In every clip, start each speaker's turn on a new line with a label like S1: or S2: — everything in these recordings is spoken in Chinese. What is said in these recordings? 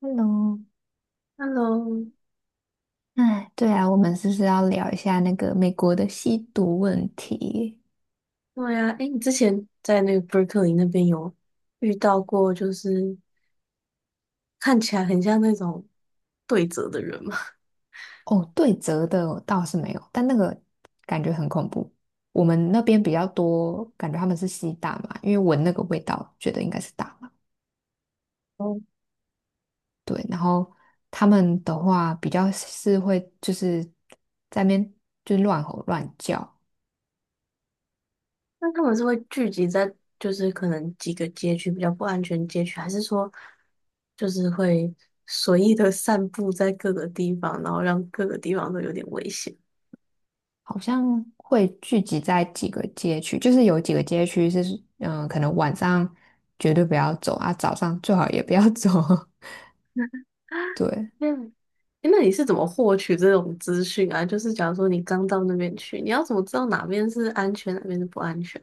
S1: Hello,
S2: Hello，
S1: 哎，对啊，我们是不是要聊一下那个美国的吸毒问题？
S2: 对呀，哎，你之前在那个 Berkeley 那边有遇到过，就是看起来很像那种对折的人吗？
S1: 哦，对折的哦倒是没有，但那个感觉很恐怖。我们那边比较多，感觉他们是吸大麻，因为闻那个味道，觉得应该是大麻。
S2: 哦，
S1: 对，然后他们的话比较是会就是在那边就乱吼乱叫，
S2: 那他们是会聚集在可能几个街区比较不安全街区，还是说就是会随意的散布在各个地方，然后让各个地方都有点危险？
S1: 好像会聚集在几个街区，就是有几个街区是，嗯、可能晚上绝对不要走啊，早上最好也不要走。对，
S2: 嗯，诶那你是怎么获取这种资讯啊？就是假如说你刚到那边去，你要怎么知道哪边是安全，哪边是不安全？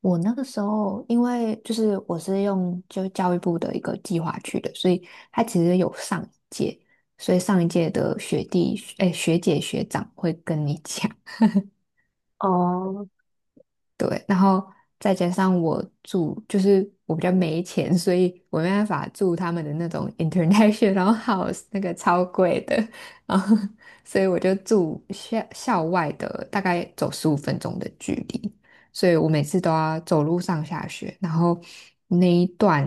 S1: 我那个时候，因为就是我是用就教育部的一个计划去的，所以它其实有上一届，所以上一届的学弟、哎学姐、学长会跟你讲，
S2: 哦，
S1: 对，然后再加上我住，就是我比较没钱，所以我没办法住他们的那种 international house，那个超贵的，然后所以我就住校校外的，大概走15分钟的距离，所以我每次都要走路上下学，然后那一段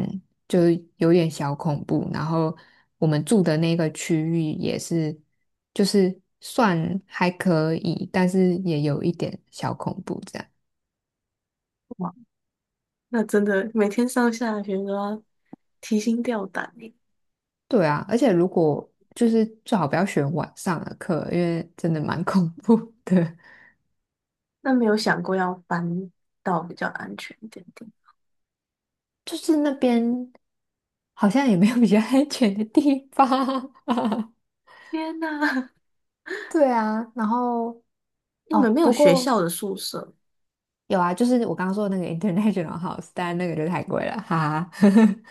S1: 就是有点小恐怖，然后我们住的那个区域也是，就是算还可以，但是也有一点小恐怖这样。
S2: 哇。那真的每天上下学都要提心吊胆耶。
S1: 对啊，而且如果就是最好不要选晚上的课，因为真的蛮 恐怖的。
S2: 那没有想过要搬到比较安全一点点。
S1: 就是那边好像也没有比较安全的地方。
S2: 天哪，
S1: 对啊，然后
S2: 你们
S1: 哦，
S2: 没有
S1: 不
S2: 学
S1: 过
S2: 校的宿舍
S1: 有啊，就是我刚刚说的那个 International House，但那个就太贵了，哈哈。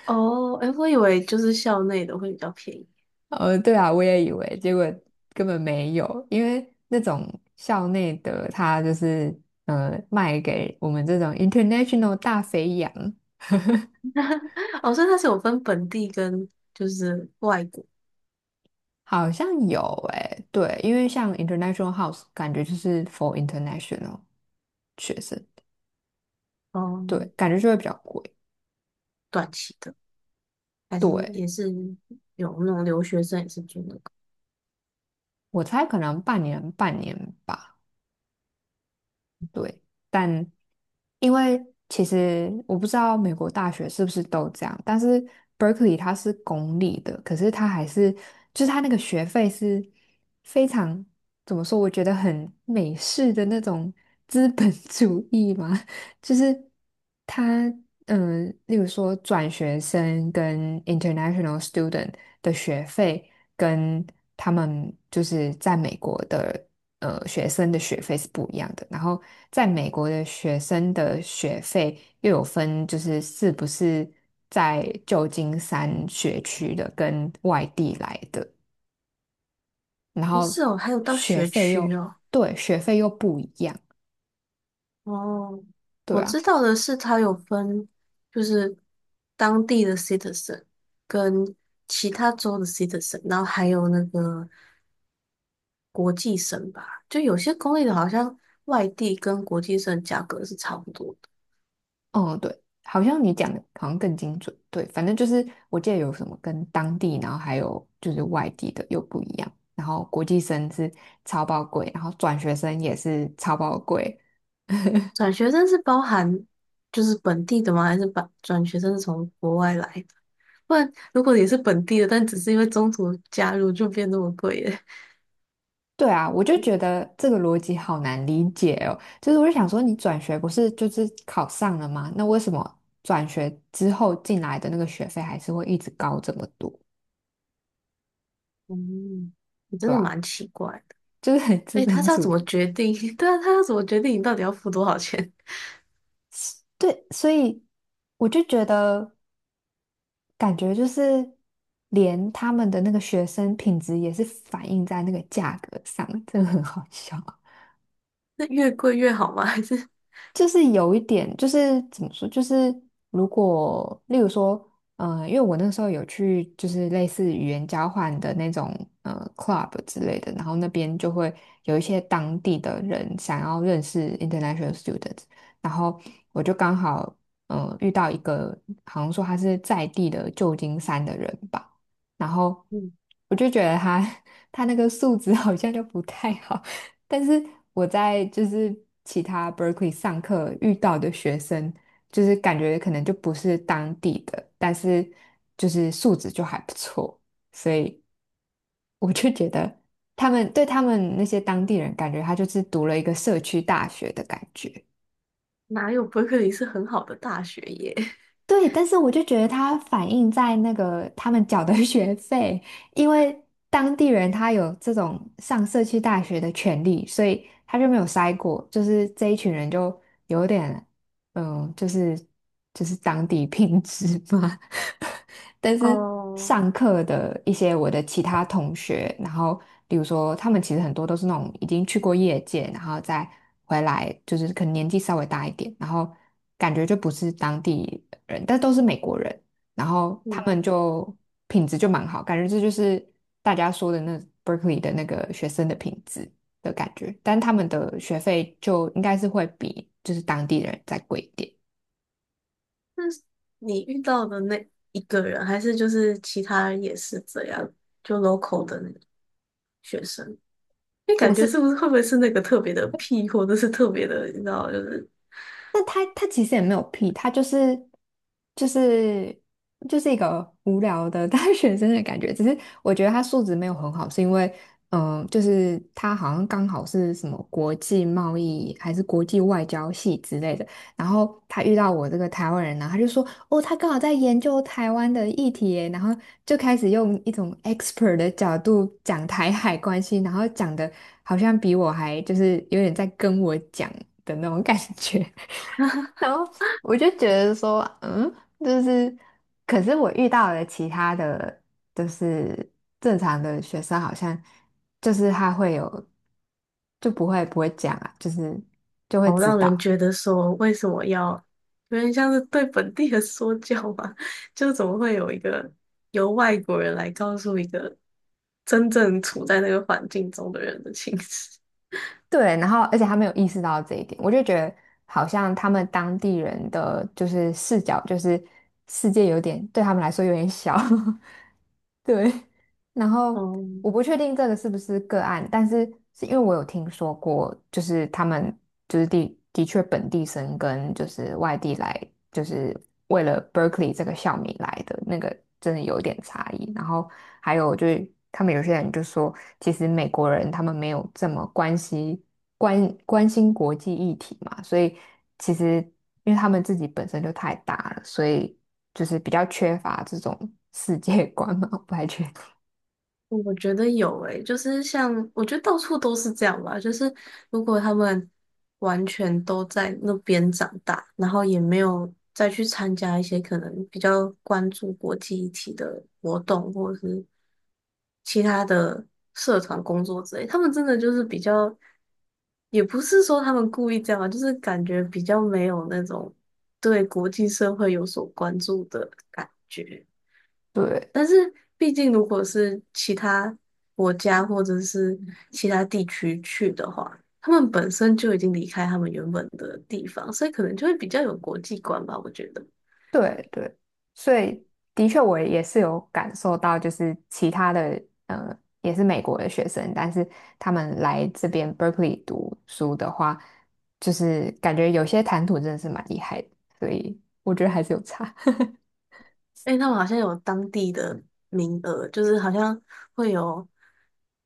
S2: 哦？诶，我以为就是校内的会比较便宜。
S1: 对啊，我也以为，结果根本没有，因为那种校内的它就是卖给我们这种 International 大肥羊。
S2: 哦，所以它是有分本地跟就是外国，
S1: 好像有诶、对，因为像 International House 感觉就是 for international 学生，对，
S2: 嗯，
S1: 感觉就会比较贵。
S2: 短期的，还是
S1: 对，
S2: 也是有那种留学生也是住那个？
S1: 我猜可能半年半年吧。对，但因为其实我不知道美国大学是不是都这样，但是 Berkeley 它是公立的，可是它还是就是它那个学费是非常怎么说？我觉得很美式的那种资本 主义嘛，就是它嗯，例如说转学生跟 international student 的学费跟他们就是在美国的。学生的学费是不一样的。然后在美国的学生的学费又有分，就是是不是在旧金山学区的跟外地来的，然
S2: 不是
S1: 后
S2: 哦，还有到
S1: 学
S2: 学
S1: 费
S2: 区
S1: 又
S2: 哦。
S1: 对，学费又不一样。
S2: 哦，
S1: 对
S2: 我知
S1: 啊，
S2: 道的是，它有分，就是当地的 citizen 跟其他州的 citizen,然后还有那个国际生吧。就有些公立的，好像外地跟国际生价格是差不多的。
S1: 哦对，好像你讲的好像更精准。对，反正就是我记得有什么跟当地，然后还有就是外地的又不一样。然后国际生是超爆贵，然后转学生也是超爆贵，
S2: 转学生是包含就是本地的吗？还是把转学生是从国外来的？不然如果你是本地的，但只是因为中途加入，就变那么贵了。
S1: 对啊，我就觉得这个逻辑好难理解哦。就是我就想说，你转学不是就是考上了吗？那为什么转学之后进来的那个学费还是会一直高这么多？
S2: 嗯，你真
S1: 对
S2: 的
S1: 吧？
S2: 蛮奇怪。
S1: 就是很资
S2: 哎，他
S1: 本
S2: 是要
S1: 主
S2: 怎么
S1: 义。
S2: 决定？对啊，他要怎么决定你到底要付多少钱？
S1: 对，所以我就觉得感觉就是连他们的那个学生品质也是反映在那个价格上，真的很好笑。
S2: 那越贵越好吗？还是
S1: 就是有一点，就是怎么说，就是如果例如说，因为我那时候有去就是类似语言交换的那种club 之类的，然后那边就会有一些当地的人想要认识 international students，然后我就刚好嗯，遇到一个好像说他是在地的旧金山的人吧，然后
S2: 嗯，
S1: 我就觉得他 他那个素质好像就不太好。但是我在就是其他 Berkeley 上课遇到的学生，就是感觉可能就不是当地的，但是就是素质就还不错，所以我就觉得他们对他们那些当地人，感觉他就是读了一个社区大学的感觉。
S2: 哪有伯克利是很好的大学耶？
S1: 对，但是我就觉得他反映在那个他们缴的 学费，因为当地人他有这种上社区大学的权利，所以他就没有筛过，就是这一群人就有点嗯，就是当地品质嘛。但 是
S2: 哦，
S1: 上课的一些我的其他同学，然后比如说他们其实很多都是那种已经去过业界，然后再回来，就是可能年纪稍微大一点，然后感觉就不是当地人，但都是美国人，然后他
S2: 嗯，
S1: 们就品质就蛮好，感觉这就是大家说的那 Berkeley 的那个学生的品质。的感觉，但他们的学费就应该是会比就是当地人再贵一点。
S2: 那是你遇到的那一个人，还是就是其他人也是这样，就 local 的那个学生？因为感
S1: 我
S2: 觉是
S1: 是
S2: 不是会不会是那个特别的屁，或者是特别的，你知道，就是
S1: 但他其实也没有屁，他就是就是就是一个无聊的 大学生的感觉。只是我觉得他素质没有很好，是因为嗯、就是他好像刚好是什么国际贸易还是国际外交系之类的。然后他遇到我这个台湾人呢，他就说哦，他刚好在研究台湾的议题耶然后就开始用一种 expert 的角度讲台海关系，然后讲的好像比我还就是有点在跟我讲的那种感觉。然后我就觉得说，嗯，就是，可是我遇到了其他的，就是正常的学生，好像就是他会有，就不会讲啊，就是就会
S2: 好
S1: 知
S2: 让人
S1: 道，
S2: 觉得说为什么要有点像是对本地人说教吧？就怎么会有一个由外国人来告诉一个真正处在那个环境中的人的情绪？
S1: 对，然后而且他没有意识到这一点，我就觉得好像他们当地人的就是视角，就是世界有点对他们来说有点小，对。然 后
S2: 哦，
S1: 我不确定这个是不是个案，但是是因为我有听说过，就是他们就是的的确本地生跟就是外地来，就是为了 Berkeley 这个校名来的那个真的有一点差异。然后还有就是他们有些人就说，其实美国人他们没有这么关心关心国际议题嘛，所以其实因为他们自己本身就太大了，所以就是比较缺乏这种世界观嘛，我不太确
S2: 我觉得有诶、就是像我觉得到处都是这样吧，就是如果他们完全都在那边长大，然后也没有再去参加一些可能比较关注国际议题的活动，或者是其他的社团工作之类，他们真的就是比较，也不是说他们故意这样啊，就是感觉比较没有那种对国际社会有所关注的感觉。
S1: 对
S2: 但是毕竟如果是其他国家或者是其他地区去的话，他们本身就已经离开他们原本的地方，所以可能就会比较有国际观吧，我觉得。
S1: 对对，所以的确我也是有感受到，就是其他的也是美国的学生，但是他们来这边 Berkeley 读书的话，就是感觉有些谈吐真的是蛮厉害的，所以我觉得还是有差。
S2: 哎，他们好像有当地的名额，就是好像会有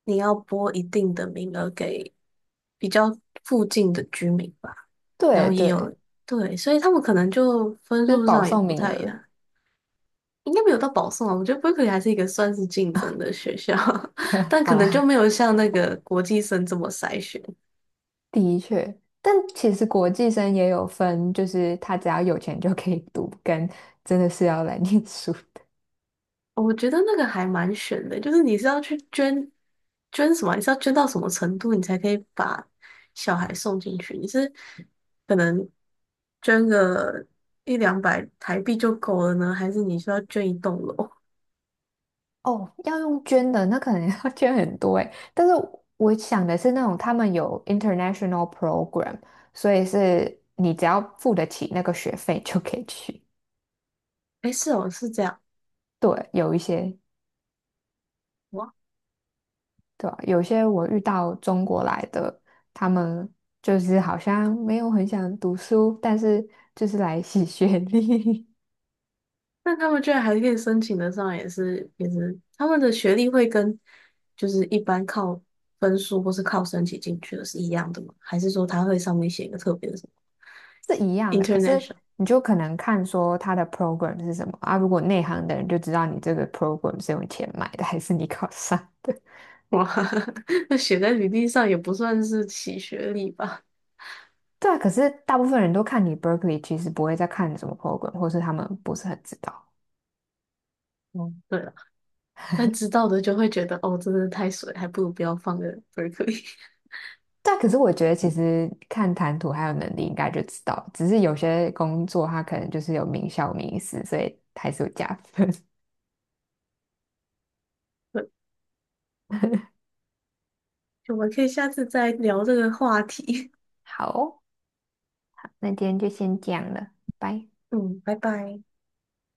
S2: 你要拨一定的名额给比较附近的居民吧，然
S1: 对
S2: 后也
S1: 对，
S2: 有，对，所以他们可能就分
S1: 就是
S2: 数
S1: 保
S2: 上也
S1: 送
S2: 不
S1: 名
S2: 太一
S1: 额。
S2: 样。应该没有到保送啊，我觉得 Berkeley 还是一个算是竞争的学校，但
S1: 好
S2: 可能就没
S1: 啦，
S2: 有像那个国际生这么筛选。
S1: 的确，但其实国际生也有分，就是他只要有钱就可以读，跟真的是要来念书。
S2: 我觉得那个还蛮选的，就是你是要去捐什么啊，你是要捐到什么程度，你才可以把小孩送进去？你是可能捐个一两百台币就够了呢，还是你需要捐一栋楼？
S1: 哦，要用捐的，那可能 要捐很多诶。但是我想的是那种他们有 international program，所以是你只要付得起那个学费就可以去。
S2: 哎，是哦，是这样，
S1: 对，有一些，
S2: 哇。
S1: 对吧？有些我遇到中国来的，他们就是好像没有很想读书，但是就是来洗学历
S2: 那他们居然还可以申请得上，也是，他们的学历会跟就是一般靠分数或是靠申请进去的是一样的吗？还是说他会上面写一个特别的什
S1: 是
S2: 么
S1: 一样的。可是
S2: international？
S1: 你就可能看说他的 program 是什么啊？如果内行的人就知道你这个 program 是用钱买的，还是你考上。的。
S2: 哇，那写在履历上也不算是洗学历吧？
S1: 对啊，可是大部分人都看你 Berkeley，其实不会再看什么 program，或是他们不是很知道。
S2: 哦，对了，但知道的就会觉得哦，真的太水，还不如不要放个 Berkeley。
S1: 但可是我觉得，其实看谈吐还有能力，应该就知道。只是有些工作它可能就是有名校名师，所以还是有加分。
S2: 对，我们可以下次再聊这个话题。
S1: 好，那今天就先这样了，拜。
S2: 嗯，拜拜。